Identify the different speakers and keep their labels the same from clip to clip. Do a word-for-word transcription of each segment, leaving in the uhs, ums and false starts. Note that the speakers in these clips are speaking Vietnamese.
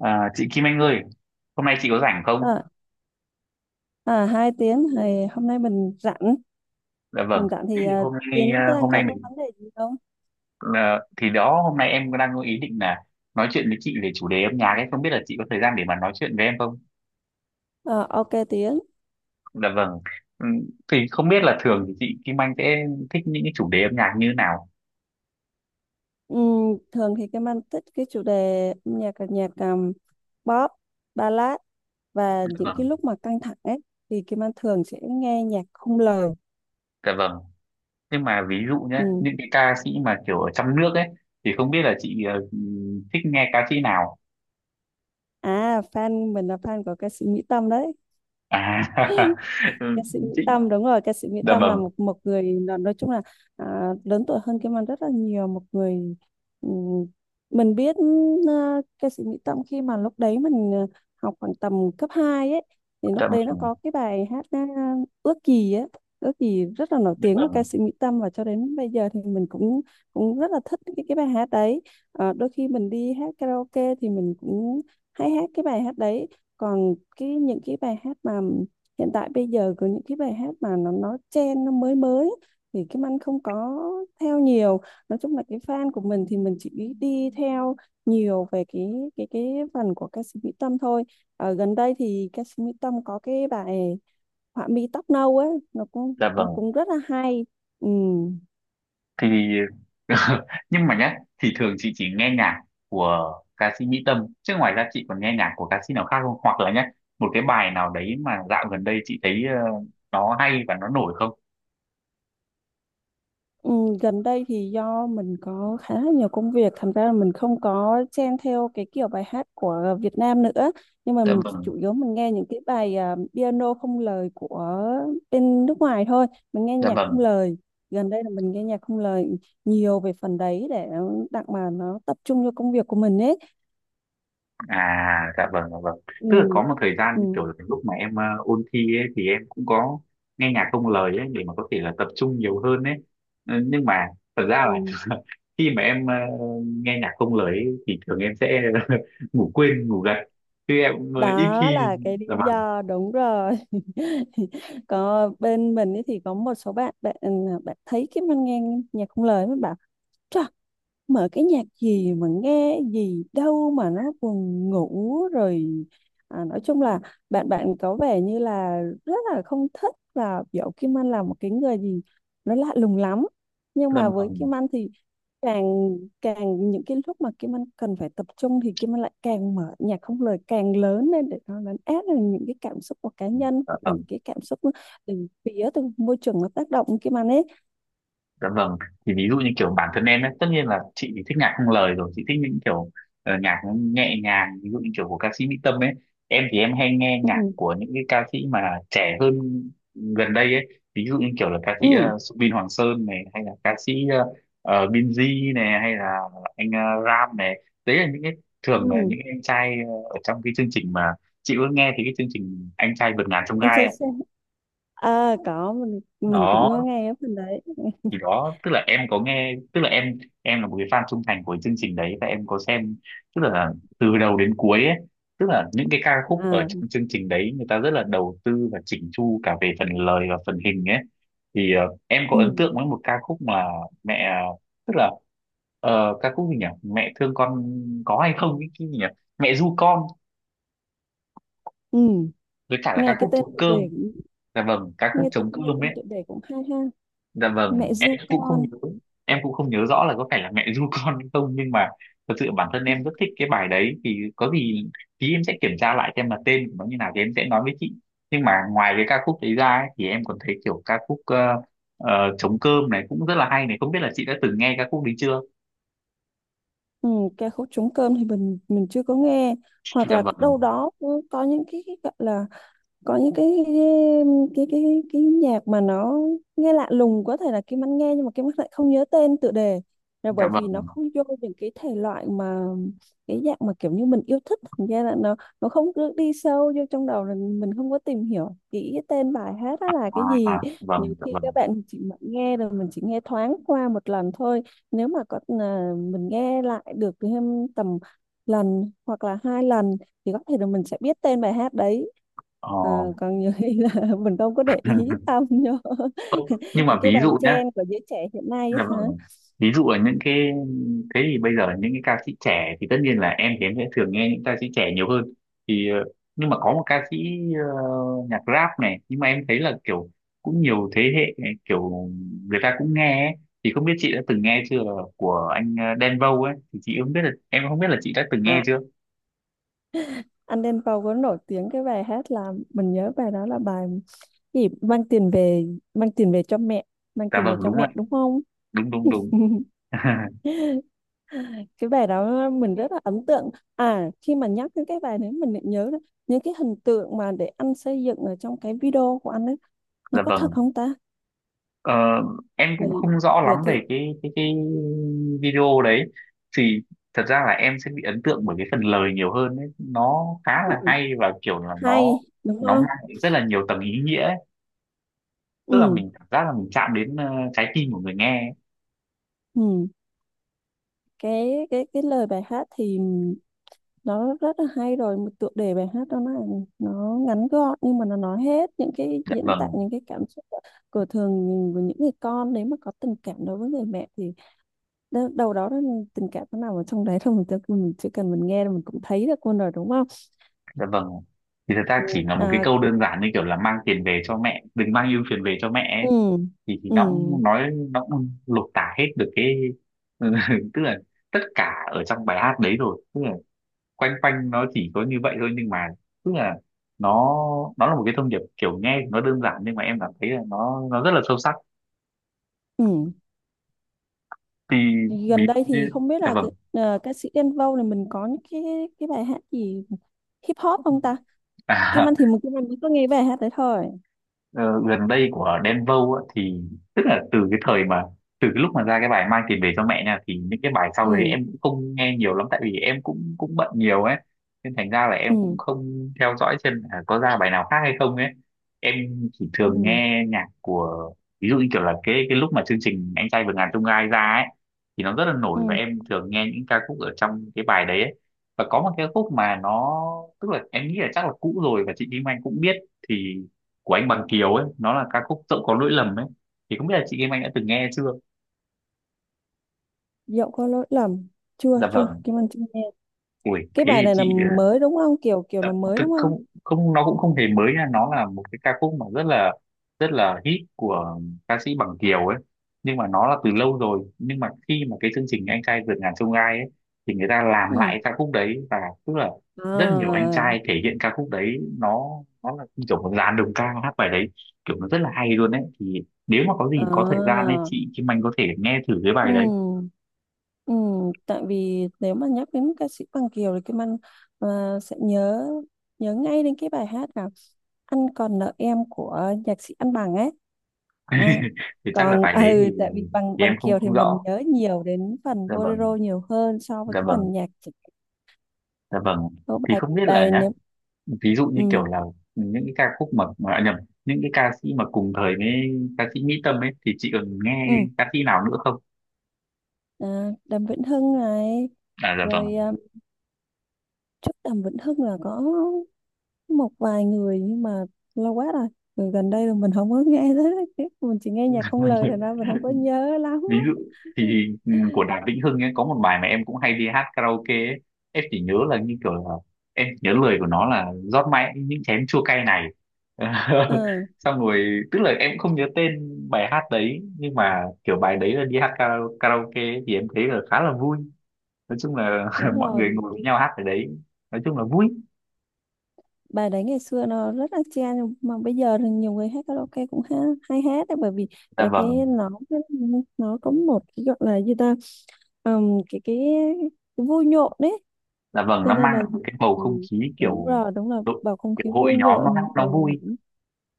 Speaker 1: À, Chị Kim Anh ơi, hôm nay chị có rảnh không?
Speaker 2: À, à Hai tiếng thì hôm nay mình rảnh,
Speaker 1: Dạ vâng.
Speaker 2: mình rảnh
Speaker 1: Thế
Speaker 2: thì
Speaker 1: thì
Speaker 2: à,
Speaker 1: Hôm nay
Speaker 2: Tiến
Speaker 1: à,
Speaker 2: đang
Speaker 1: hôm
Speaker 2: có
Speaker 1: nay
Speaker 2: cái
Speaker 1: mình
Speaker 2: vấn đề gì không?
Speaker 1: à, thì đó hôm nay em đang có ý định là nói chuyện với chị về chủ đề âm nhạc ấy, không biết là chị có thời gian để mà nói chuyện với em không?
Speaker 2: à, OK Tiến.
Speaker 1: Dạ vâng. Ừ, thì không biết là thường thì chị Kim Anh sẽ thích những cái chủ đề âm nhạc như thế nào?
Speaker 2: Ừm, thường thì cái mang thích cái chủ đề âm nhạc là nhạc, um, pop, ballad, và
Speaker 1: Dạ
Speaker 2: những cái
Speaker 1: vâng.
Speaker 2: lúc mà căng thẳng ấy thì Kim Anh thường sẽ nghe nhạc không lời.
Speaker 1: Dạ vâng. Nhưng mà ví dụ nhé,
Speaker 2: Ừm.
Speaker 1: những cái ca sĩ mà kiểu ở trong nước ấy thì không biết là chị ờ, thích nghe ca sĩ nào?
Speaker 2: À fan mình là fan của ca sĩ Mỹ Tâm đấy.
Speaker 1: À, ừ,
Speaker 2: Ca sĩ Mỹ
Speaker 1: chị
Speaker 2: Tâm, đúng rồi, ca sĩ Mỹ
Speaker 1: dạ
Speaker 2: Tâm
Speaker 1: vâng,
Speaker 2: là một một người, là nói chung là, à, lớn tuổi hơn Kim Anh rất là nhiều. Một người, ừm, mình biết, à, ca sĩ Mỹ Tâm khi mà lúc đấy mình à, học khoảng tầm cấp hai ấy, thì
Speaker 1: dạ
Speaker 2: lúc đấy nó
Speaker 1: vâng,
Speaker 2: có cái bài hát à, Ước Gì ấy. Ước Gì rất là nổi
Speaker 1: dạ
Speaker 2: tiếng của ca
Speaker 1: vâng,
Speaker 2: sĩ Mỹ Tâm, và cho đến bây giờ thì mình cũng cũng rất là thích cái cái bài hát đấy. Ờ, đôi khi mình đi hát karaoke thì mình cũng hay hát cái bài hát đấy. Còn cái, những cái bài hát mà hiện tại bây giờ, có những cái bài hát mà nó nó trend, nó mới mới, thì Kim Anh không có theo nhiều. Nói chung là cái fan của mình thì mình chỉ đi theo nhiều về cái cái cái phần của ca sĩ Mỹ Tâm thôi. Ở gần đây thì ca sĩ Mỹ Tâm có cái bài Họa Mi Tóc Nâu ấy, nó cũng
Speaker 1: dạ
Speaker 2: cũng
Speaker 1: vâng.
Speaker 2: cũng rất là hay. Ừ.
Speaker 1: Thì nhưng mà nhá thì thường chị chỉ nghe nhạc của ca sĩ Mỹ Tâm chứ ngoài ra chị còn nghe nhạc của ca sĩ nào khác không, hoặc là nhá một cái bài nào đấy mà dạo gần đây chị thấy ờ, nó hay và nó nổi không?
Speaker 2: Ừ, gần đây thì do mình có khá là nhiều công việc, thành ra là mình không có chen theo cái kiểu bài hát của Việt Nam nữa. Nhưng mà
Speaker 1: Dạ
Speaker 2: mình
Speaker 1: vâng,
Speaker 2: chủ yếu mình nghe những cái bài à, piano không lời của bên nước ngoài thôi. Mình nghe
Speaker 1: dạ
Speaker 2: nhạc không
Speaker 1: vâng.
Speaker 2: lời. Gần đây là mình nghe nhạc không lời nhiều về phần đấy, để đặng mà nó tập trung cho công việc của mình ấy.
Speaker 1: À dạ vâng, dạ vâng.
Speaker 2: Ừ.
Speaker 1: Tức là có một thời gian kiểu
Speaker 2: Ừ.
Speaker 1: là cái lúc mà em ờ, ôn thi ấy, thì em cũng có nghe nhạc không lời ấy để mà có thể là tập trung nhiều hơn ấy. Ừ, nhưng mà thật ra là
Speaker 2: Ừ.
Speaker 1: khi mà em ờ, nghe nhạc không lời ấy, thì thường em sẽ ngủ quên ngủ gật chứ em ờ, ít
Speaker 2: Đó
Speaker 1: khi.
Speaker 2: là cái lý
Speaker 1: Dạ vâng,
Speaker 2: do, đúng rồi. Có bên mình ấy thì có một số bạn bạn à, bạn thấy cái mình nghe nhạc không lời mới bảo: "Chà, mở cái nhạc gì mà nghe gì đâu mà nó buồn ngủ rồi." À, nói chung là bạn bạn có vẻ như là rất là không thích, và biểu Kim Anh là một cái người gì nó lạ lùng lắm. Nhưng
Speaker 1: dạ
Speaker 2: mà với
Speaker 1: vâng,
Speaker 2: Kim Anh thì càng càng những cái lúc mà Kim Anh cần phải tập trung thì Kim Anh lại càng mở nhạc không lời càng lớn lên, để nó lấn át được những cái cảm xúc của cá nhân,
Speaker 1: dạ
Speaker 2: và những
Speaker 1: vâng.
Speaker 2: cái cảm xúc từ phía, từ môi trường nó tác động Kim Anh ấy.
Speaker 1: Dạ vâng, thì ví dụ như kiểu bản thân em ấy, tất nhiên là chị thì thích nhạc không lời rồi, chị thích những kiểu ờ, nhạc nó nhẹ nhàng, ví dụ như kiểu của ca sĩ Mỹ Tâm ấy. Em thì em hay nghe nhạc
Speaker 2: Ừ.
Speaker 1: của những cái ca sĩ mà trẻ hơn gần đây ấy, ví dụ như kiểu là ca sĩ
Speaker 2: Ừ.
Speaker 1: uh, Subin Hoàng Sơn này, hay là ca sĩ ờ, ờ, Binz này, hay là anh ờ, Ram này. Đấy là những cái thường là
Speaker 2: Ừ.
Speaker 1: những anh trai ờ, ở trong cái chương trình mà chị có nghe thì cái chương trình Anh trai vượt ngàn chông
Speaker 2: anh
Speaker 1: gai ấy.
Speaker 2: sẽ à Có mình mình cũng có
Speaker 1: Đó
Speaker 2: nghe ở bên đấy.
Speaker 1: thì đó tức là em có nghe, tức là em em là một cái fan trung thành của chương trình đấy và em có xem tức là từ đầu đến cuối ấy, tức là những cái ca khúc ở
Speaker 2: À.
Speaker 1: trong chương trình đấy người ta rất là đầu tư và chỉnh chu cả về phần lời và phần hình ấy. Thì ờ, em có
Speaker 2: Ừ.
Speaker 1: ấn tượng với một ca khúc mà mẹ, tức là ờ, ca khúc gì nhỉ, mẹ thương con có hay không, cái, cái gì nhỉ, mẹ ru con,
Speaker 2: Ừ.
Speaker 1: với cả là
Speaker 2: nghe
Speaker 1: ca
Speaker 2: cái
Speaker 1: khúc
Speaker 2: tên
Speaker 1: trống
Speaker 2: tựa
Speaker 1: cơm.
Speaker 2: đề cũng-
Speaker 1: Dạ vâng, ca khúc
Speaker 2: nghe tự
Speaker 1: trống
Speaker 2: Nghe
Speaker 1: cơm ấy.
Speaker 2: tên tựa đề cũng hay ha.
Speaker 1: Dạ vâng,
Speaker 2: Mẹ
Speaker 1: em
Speaker 2: ru
Speaker 1: cũng không
Speaker 2: con.
Speaker 1: nhớ, em cũng không nhớ rõ là có phải là mẹ ru con hay không, nhưng mà thật sự bản thân em rất thích cái bài đấy, thì có gì tí em sẽ kiểm tra lại xem là tên của nó như nào thì em sẽ nói với chị. Nhưng mà ngoài cái ca khúc đấy ra ấy, thì em còn thấy kiểu ca khúc ờ, ờ, trống cơm này cũng rất là hay này, không biết là chị đã từng nghe ca khúc đấy chưa?
Speaker 2: Ừ, cái khúc Trống Cơm thì mình mình chưa có nghe. Hoặc
Speaker 1: Dạ
Speaker 2: là
Speaker 1: vâng,
Speaker 2: đâu đó cũng có những cái, cái gọi là, có những cái cái cái cái nhạc mà nó nghe lạ lùng, có thể là Kim Anh nghe nhưng mà Kim Anh lại không nhớ tên tựa đề, là
Speaker 1: dạ
Speaker 2: bởi vì nó
Speaker 1: vâng,
Speaker 2: không vô những cái thể loại mà, cái dạng mà kiểu như mình yêu thích, thành ra là nó nó không, cứ đi sâu vô trong đầu là mình không có tìm hiểu kỹ cái tên bài hát đó
Speaker 1: à,
Speaker 2: là cái gì.
Speaker 1: à, vâng,
Speaker 2: Nhiều
Speaker 1: dạ
Speaker 2: khi
Speaker 1: vâng.
Speaker 2: các bạn chỉ mà nghe rồi mình chỉ nghe thoáng qua một lần thôi, nếu mà có à, mình nghe lại được thêm tầm lần hoặc là hai lần, thì có thể là mình sẽ biết tên bài hát đấy.
Speaker 1: Ờ.
Speaker 2: Ờ, còn nhiều khi là mình không có để ý tâm vô.
Speaker 1: Ô, nhưng mà
Speaker 2: Những cái
Speaker 1: ví
Speaker 2: bài
Speaker 1: dụ nhé.
Speaker 2: trend của giới trẻ hiện nay á
Speaker 1: Dạ
Speaker 2: hả.
Speaker 1: vâng. Ví dụ ở những cái Thế thì bây giờ những cái ca sĩ trẻ thì tất nhiên là em thì em sẽ thường nghe những ca sĩ trẻ nhiều hơn. Thì ờ, nhưng mà có một ca sĩ ờ, nhạc rap này, nhưng mà em thấy là kiểu cũng nhiều thế hệ kiểu người ta cũng nghe ấy. Thì không biết chị đã từng nghe chưa là của anh ờ, Đen Vâu ấy, thì chị không biết là em không biết là chị đã từng nghe
Speaker 2: à
Speaker 1: chưa.
Speaker 2: anh Đen Vâu có nổi tiếng cái bài hát, là mình nhớ bài đó là bài gì, mang tiền về, mang tiền về cho mẹ. Mang
Speaker 1: Dạ
Speaker 2: tiền về
Speaker 1: vâng
Speaker 2: cho
Speaker 1: đúng rồi,
Speaker 2: mẹ, đúng không?
Speaker 1: đúng đúng đúng.
Speaker 2: Cái bài đó mình rất là ấn tượng. À, khi mà nhắc đến cái bài đấy mình lại nhớ là những cái hình tượng mà để anh xây dựng ở trong cái video của anh ấy, nó
Speaker 1: Dạ
Speaker 2: có thật
Speaker 1: vâng.
Speaker 2: không ta?
Speaker 1: Ờ, em cũng
Speaker 2: Bởi
Speaker 1: không rõ lắm
Speaker 2: bởi thì
Speaker 1: về cái cái cái video đấy, thì thật ra là em sẽ bị ấn tượng bởi cái phần lời nhiều hơn ấy. Nó khá là
Speaker 2: Ừ,
Speaker 1: hay và kiểu là nó
Speaker 2: hay đúng
Speaker 1: nó mang
Speaker 2: không.
Speaker 1: lại rất là nhiều tầng ý nghĩa ấy. Tức là
Speaker 2: Ừ.
Speaker 1: mình cảm giác là mình chạm đến ờ, trái tim của người nghe ấy.
Speaker 2: Ừ. cái cái cái lời bài hát thì nó rất là hay rồi. Một tựa đề bài hát đó là nó ngắn gọn, nhưng mà nó nói hết những cái,
Speaker 1: Dạ
Speaker 2: diễn
Speaker 1: vâng,
Speaker 2: tả những cái cảm xúc của, của thường, của những người con. Nếu mà có tình cảm đối với người mẹ thì, đ- đâu đó là tình cảm nó nằm ở trong đấy thôi, mình, tự mình chỉ cần mình nghe là mình cũng thấy được luôn rồi, đúng không?
Speaker 1: dạ vâng, thì thật ra
Speaker 2: Ừ.
Speaker 1: chỉ là một cái
Speaker 2: À.
Speaker 1: câu đơn giản như kiểu là mang tiền về cho mẹ, đừng mang ưu phiền về cho mẹ ấy.
Speaker 2: Ừ.
Speaker 1: thì thì
Speaker 2: Ừ.
Speaker 1: nó cũng nói, nó cũng lột tả hết được cái tức là tất cả ở trong bài hát đấy rồi, tức là quanh quanh nó chỉ có như vậy thôi, nhưng mà tức là nó nó là một cái thông điệp kiểu nghe thì nó đơn giản nhưng mà em cảm thấy là nó nó rất là sâu sắc.
Speaker 2: Ừ.
Speaker 1: Thì ví
Speaker 2: Gần
Speaker 1: dụ
Speaker 2: đây thì
Speaker 1: như
Speaker 2: không biết
Speaker 1: dạ
Speaker 2: là cái-
Speaker 1: vâng
Speaker 2: à, ca sĩ Đen Vâu này mình có những cái cái bài hát gì hip hop không ta. Kim
Speaker 1: à,
Speaker 2: Anh thì mình, Kim Anh mới có nghe bài hát đấy thôi.
Speaker 1: ờ, gần đây của Đen Vâu á, thì tức là từ cái thời mà từ cái lúc mà ra cái bài mang tiền về cho mẹ nha, thì những cái bài
Speaker 2: Ừ.
Speaker 1: sau đấy em cũng không nghe nhiều lắm tại vì em cũng cũng bận nhiều ấy, nên thành ra là em cũng
Speaker 2: Ừ.
Speaker 1: không theo dõi xem là có ra bài nào khác hay không ấy. Em chỉ thường
Speaker 2: Ừ.
Speaker 1: nghe nhạc của ví dụ như kiểu là cái cái lúc mà chương trình Anh trai vượt ngàn chông gai ra ấy thì nó rất là
Speaker 2: Ừ.
Speaker 1: nổi và em thường nghe những ca khúc ở trong cái bài đấy ấy. Và có một cái khúc mà nó tức là em nghĩ là chắc là cũ rồi và chị Kim Anh cũng biết, thì của anh Bằng Kiều ấy, nó là ca khúc dẫu có lỗi lầm ấy, thì không biết là chị Kim Anh đã từng nghe chưa.
Speaker 2: Dẫu có lỗi lầm. Chưa,
Speaker 1: Dạ
Speaker 2: chưa,
Speaker 1: vâng,
Speaker 2: Kim Anh chưa nghe.
Speaker 1: ui
Speaker 2: Cái
Speaker 1: thế
Speaker 2: bài
Speaker 1: thì
Speaker 2: này là
Speaker 1: chị
Speaker 2: mới đúng không, kiểu kiểu
Speaker 1: dạ,
Speaker 2: là mới
Speaker 1: thực
Speaker 2: đúng không?
Speaker 1: không không, nó cũng không hề mới nha, nó là một cái ca khúc mà rất là rất là hit của ca sĩ Bằng Kiều ấy, nhưng mà nó là từ lâu rồi, nhưng mà khi mà cái chương trình anh trai vượt ngàn chông gai ấy thì người ta làm
Speaker 2: Ừ.
Speaker 1: lại ca khúc đấy và tức là rất nhiều anh
Speaker 2: À.
Speaker 1: trai thể hiện ca khúc đấy, nó nó là như kiểu một dàn đồng ca hát bài đấy, kiểu nó rất là hay luôn ấy, thì nếu mà có gì có thời gian
Speaker 2: À.
Speaker 1: ấy chị Kim Anh có thể nghe thử cái bài đấy.
Speaker 2: Ừ. Ừ. Tại vì nếu mà nhắc đến ca sĩ Bằng Kiều thì Kim Anh à, sẽ nhớ nhớ ngay đến cái bài hát là Anh Còn Nợ Em của nhạc sĩ Anh Bằng ấy. à,
Speaker 1: Thì chắc là
Speaker 2: Còn
Speaker 1: bài đấy thì,
Speaker 2: ừ, tại vì bằng
Speaker 1: thì em
Speaker 2: bằng
Speaker 1: không
Speaker 2: Kiều thì
Speaker 1: không rõ.
Speaker 2: mình nhớ nhiều đến phần
Speaker 1: Dạ vâng,
Speaker 2: bolero nhiều hơn so với
Speaker 1: dạ
Speaker 2: cái
Speaker 1: vâng.
Speaker 2: phần nhạc.
Speaker 1: Dạ vâng.
Speaker 2: Có
Speaker 1: Thì
Speaker 2: bài,
Speaker 1: không biết là
Speaker 2: bài
Speaker 1: nhá,
Speaker 2: nếu.
Speaker 1: ví dụ như
Speaker 2: Ừ.
Speaker 1: kiểu là những cái ca khúc mà, mà à, nhầm, những cái ca sĩ mà cùng thời với ca sĩ Mỹ Tâm ấy thì chị còn nghe
Speaker 2: Ừ.
Speaker 1: ca sĩ nào nữa không?
Speaker 2: à, Đàm Vĩnh Hưng này.
Speaker 1: À dạ vâng.
Speaker 2: Rồi à, trước Đàm Vĩnh Hưng là có một vài người nhưng mà lâu quá rồi. Rồi gần đây là mình không có nghe tới, mình chỉ nghe nhạc không lời, thành ra mình không có nhớ lắm
Speaker 1: Ví dụ
Speaker 2: á.
Speaker 1: thì ừ, của Đàm Vĩnh Hưng ấy có một bài mà em cũng hay đi hát karaoke ấy. Em chỉ nhớ là như kiểu là em nhớ lời của nó là rót mãi những chén chua cay này.
Speaker 2: Ừ.
Speaker 1: Xong rồi tức là em cũng không nhớ tên bài hát đấy nhưng mà kiểu bài đấy là đi hát kara- karaoke ấy, thì em thấy là khá là vui. Nói chung là
Speaker 2: Đúng
Speaker 1: mọi người
Speaker 2: rồi.
Speaker 1: ngồi với nhau hát ở đấy nói chung là vui.
Speaker 2: Bài đấy ngày xưa nó rất là chen, nhưng mà bây giờ thì nhiều người hát karaoke cũng, ha, hay hát đấy. Bởi vì
Speaker 1: Dạ
Speaker 2: cái cái,
Speaker 1: vâng,
Speaker 2: nó nó có một cái gọi là gì ta, ừm, cái, cái cái vui nhộn đấy,
Speaker 1: dạ vâng,
Speaker 2: cho
Speaker 1: nó
Speaker 2: nên
Speaker 1: mang lại
Speaker 2: là.
Speaker 1: một cái bầu không
Speaker 2: Ừ,
Speaker 1: khí
Speaker 2: đúng
Speaker 1: kiểu
Speaker 2: rồi, đúng là
Speaker 1: đội
Speaker 2: bầu không
Speaker 1: kiểu
Speaker 2: khí
Speaker 1: hội
Speaker 2: vui
Speaker 1: nhóm nó
Speaker 2: nhộn
Speaker 1: nó
Speaker 2: rồi nên
Speaker 1: vui.
Speaker 2: là.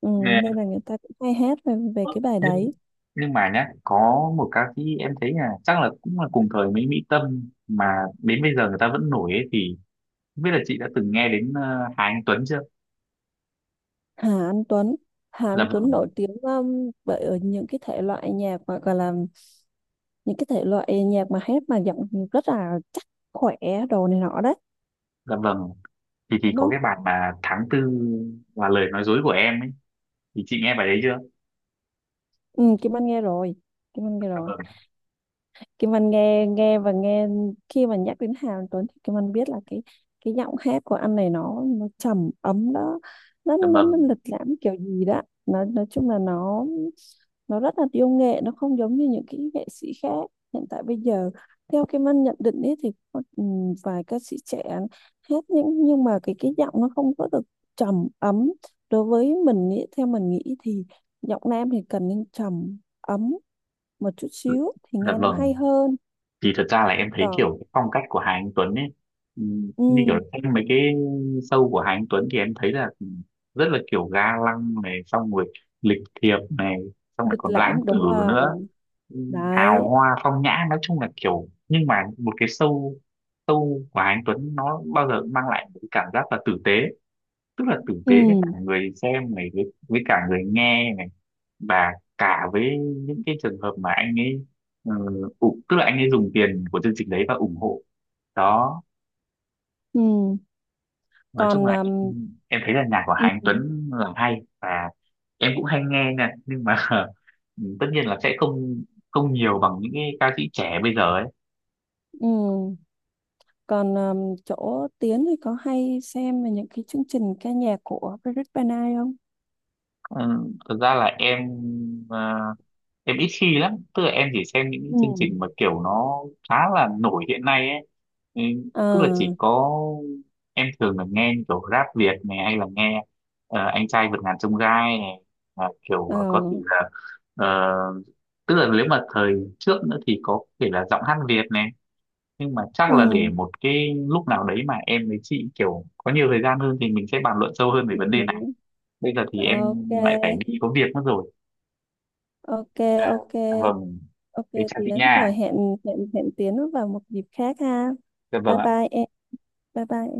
Speaker 2: Ừ,
Speaker 1: Nè,
Speaker 2: nên là người ta cũng hay hát về, về cái bài
Speaker 1: nhưng
Speaker 2: đấy.
Speaker 1: nhưng mà nhá có một ca sĩ em thấy là chắc là cũng là cùng thời với Mỹ Tâm mà đến bây giờ người ta vẫn nổi ấy, thì không biết là chị đã từng nghe đến ờ, Hà Anh Tuấn chưa.
Speaker 2: Hà Anh Tuấn. Hà
Speaker 1: Dạ
Speaker 2: Anh Tuấn
Speaker 1: vâng,
Speaker 2: nổi tiếng, um, bởi ở những cái thể loại nhạc mà gọi là, những cái thể loại nhạc mà hát, mà giọng rất là chắc, khỏe, đồ này nọ đấy,
Speaker 1: dạ vâng, thì thì
Speaker 2: đúng
Speaker 1: có
Speaker 2: không?
Speaker 1: cái bài mà tháng tư là lời nói dối của em ấy, thì chị nghe bài đấy chưa.
Speaker 2: Ừ, Kim Anh nghe rồi, Kim Anh nghe
Speaker 1: Dạ
Speaker 2: rồi.
Speaker 1: vâng,
Speaker 2: Kim Anh nghe, nghe và nghe. Khi mà nhắc đến Hà Anh Tuấn thì Kim Anh biết là cái cái giọng hát của anh này nó nó trầm ấm đó, nó
Speaker 1: dạ
Speaker 2: nó nó
Speaker 1: vâng,
Speaker 2: lịch lãm kiểu gì đó, nó nói chung là nó nó rất là yêu nghệ, nó không giống như những cái nghệ sĩ khác hiện tại bây giờ. Theo Kim Anh nhận định ấy thì có, ừm, vài ca sĩ trẻ hát những, nhưng mà cái cái giọng nó không có được trầm ấm. Đối với mình ý, theo mình nghĩ thì giọng nam thì cần nên trầm ấm một chút xíu thì
Speaker 1: dạ
Speaker 2: nghe nó hay
Speaker 1: vâng,
Speaker 2: hơn.
Speaker 1: thì thật ra là em thấy
Speaker 2: Còn
Speaker 1: kiểu cái phong cách của Hà Anh Tuấn ấy, ừm,
Speaker 2: ừ,
Speaker 1: như kiểu xem mấy cái show của Hà Anh Tuấn thì em thấy là rất là kiểu ga lăng này, xong rồi lịch thiệp này, xong lại
Speaker 2: lịch
Speaker 1: còn lãng
Speaker 2: lãm
Speaker 1: tử
Speaker 2: đúng rồi
Speaker 1: nữa, ừm,
Speaker 2: đấy.
Speaker 1: hào hoa phong nhã, nói chung là kiểu nhưng mà một cái show show của Hà Anh Tuấn nó bao giờ cũng mang lại một cái cảm giác là tử tế, tức là tử
Speaker 2: Ừ.
Speaker 1: tế với cả người xem này, với, với cả người nghe này và cả với những cái trường hợp mà anh ấy ờ, ủng- tức là anh ấy dùng tiền của chương trình đấy và ủng hộ đó.
Speaker 2: Ừ.
Speaker 1: Nói chung
Speaker 2: Còn
Speaker 1: là
Speaker 2: um,
Speaker 1: em, em thấy là nhạc của Hà
Speaker 2: ừ.
Speaker 1: Anh Tuấn là hay và em cũng hay nghe nha, nhưng mà tất nhiên là sẽ không không nhiều bằng những cái ca sĩ trẻ bây giờ ấy.
Speaker 2: Ừ. Còn um, chỗ Tiến thì có hay xem về những cái chương trình ca nhạc của Patrick Van Ai không?
Speaker 1: Ừ, thực ra là em ờ, em ít khi lắm, tức là em chỉ xem những cái chương
Speaker 2: Ừ.
Speaker 1: trình mà kiểu nó khá là nổi hiện nay ấy, ừ,
Speaker 2: Ờ.
Speaker 1: tức là chỉ có em thường là nghe như kiểu rap Việt này hay là nghe ờ, anh trai vượt ngàn chông gai này là kiểu có thể
Speaker 2: À.
Speaker 1: là ờ, tức là nếu mà thời trước nữa thì có thể là giọng hát Việt này, nhưng mà chắc
Speaker 2: Ừ.
Speaker 1: là để một cái lúc nào đấy mà em với chị kiểu có nhiều thời gian hơn thì mình sẽ bàn luận sâu hơn về
Speaker 2: Ừ.
Speaker 1: vấn đề này. Bây giờ thì
Speaker 2: Ừ.
Speaker 1: em
Speaker 2: OK.
Speaker 1: lại phải đi có việc mất rồi.
Speaker 2: OK.
Speaker 1: Ờ,
Speaker 2: OK.
Speaker 1: vâng,
Speaker 2: OK.
Speaker 1: thế chào chị
Speaker 2: Tiến,
Speaker 1: nha.
Speaker 2: rồi hẹn, hẹn hẹn Tiến vào một dịp khác ha.
Speaker 1: Dạ vâng
Speaker 2: Bye
Speaker 1: ạ.
Speaker 2: bye em. Bye bye.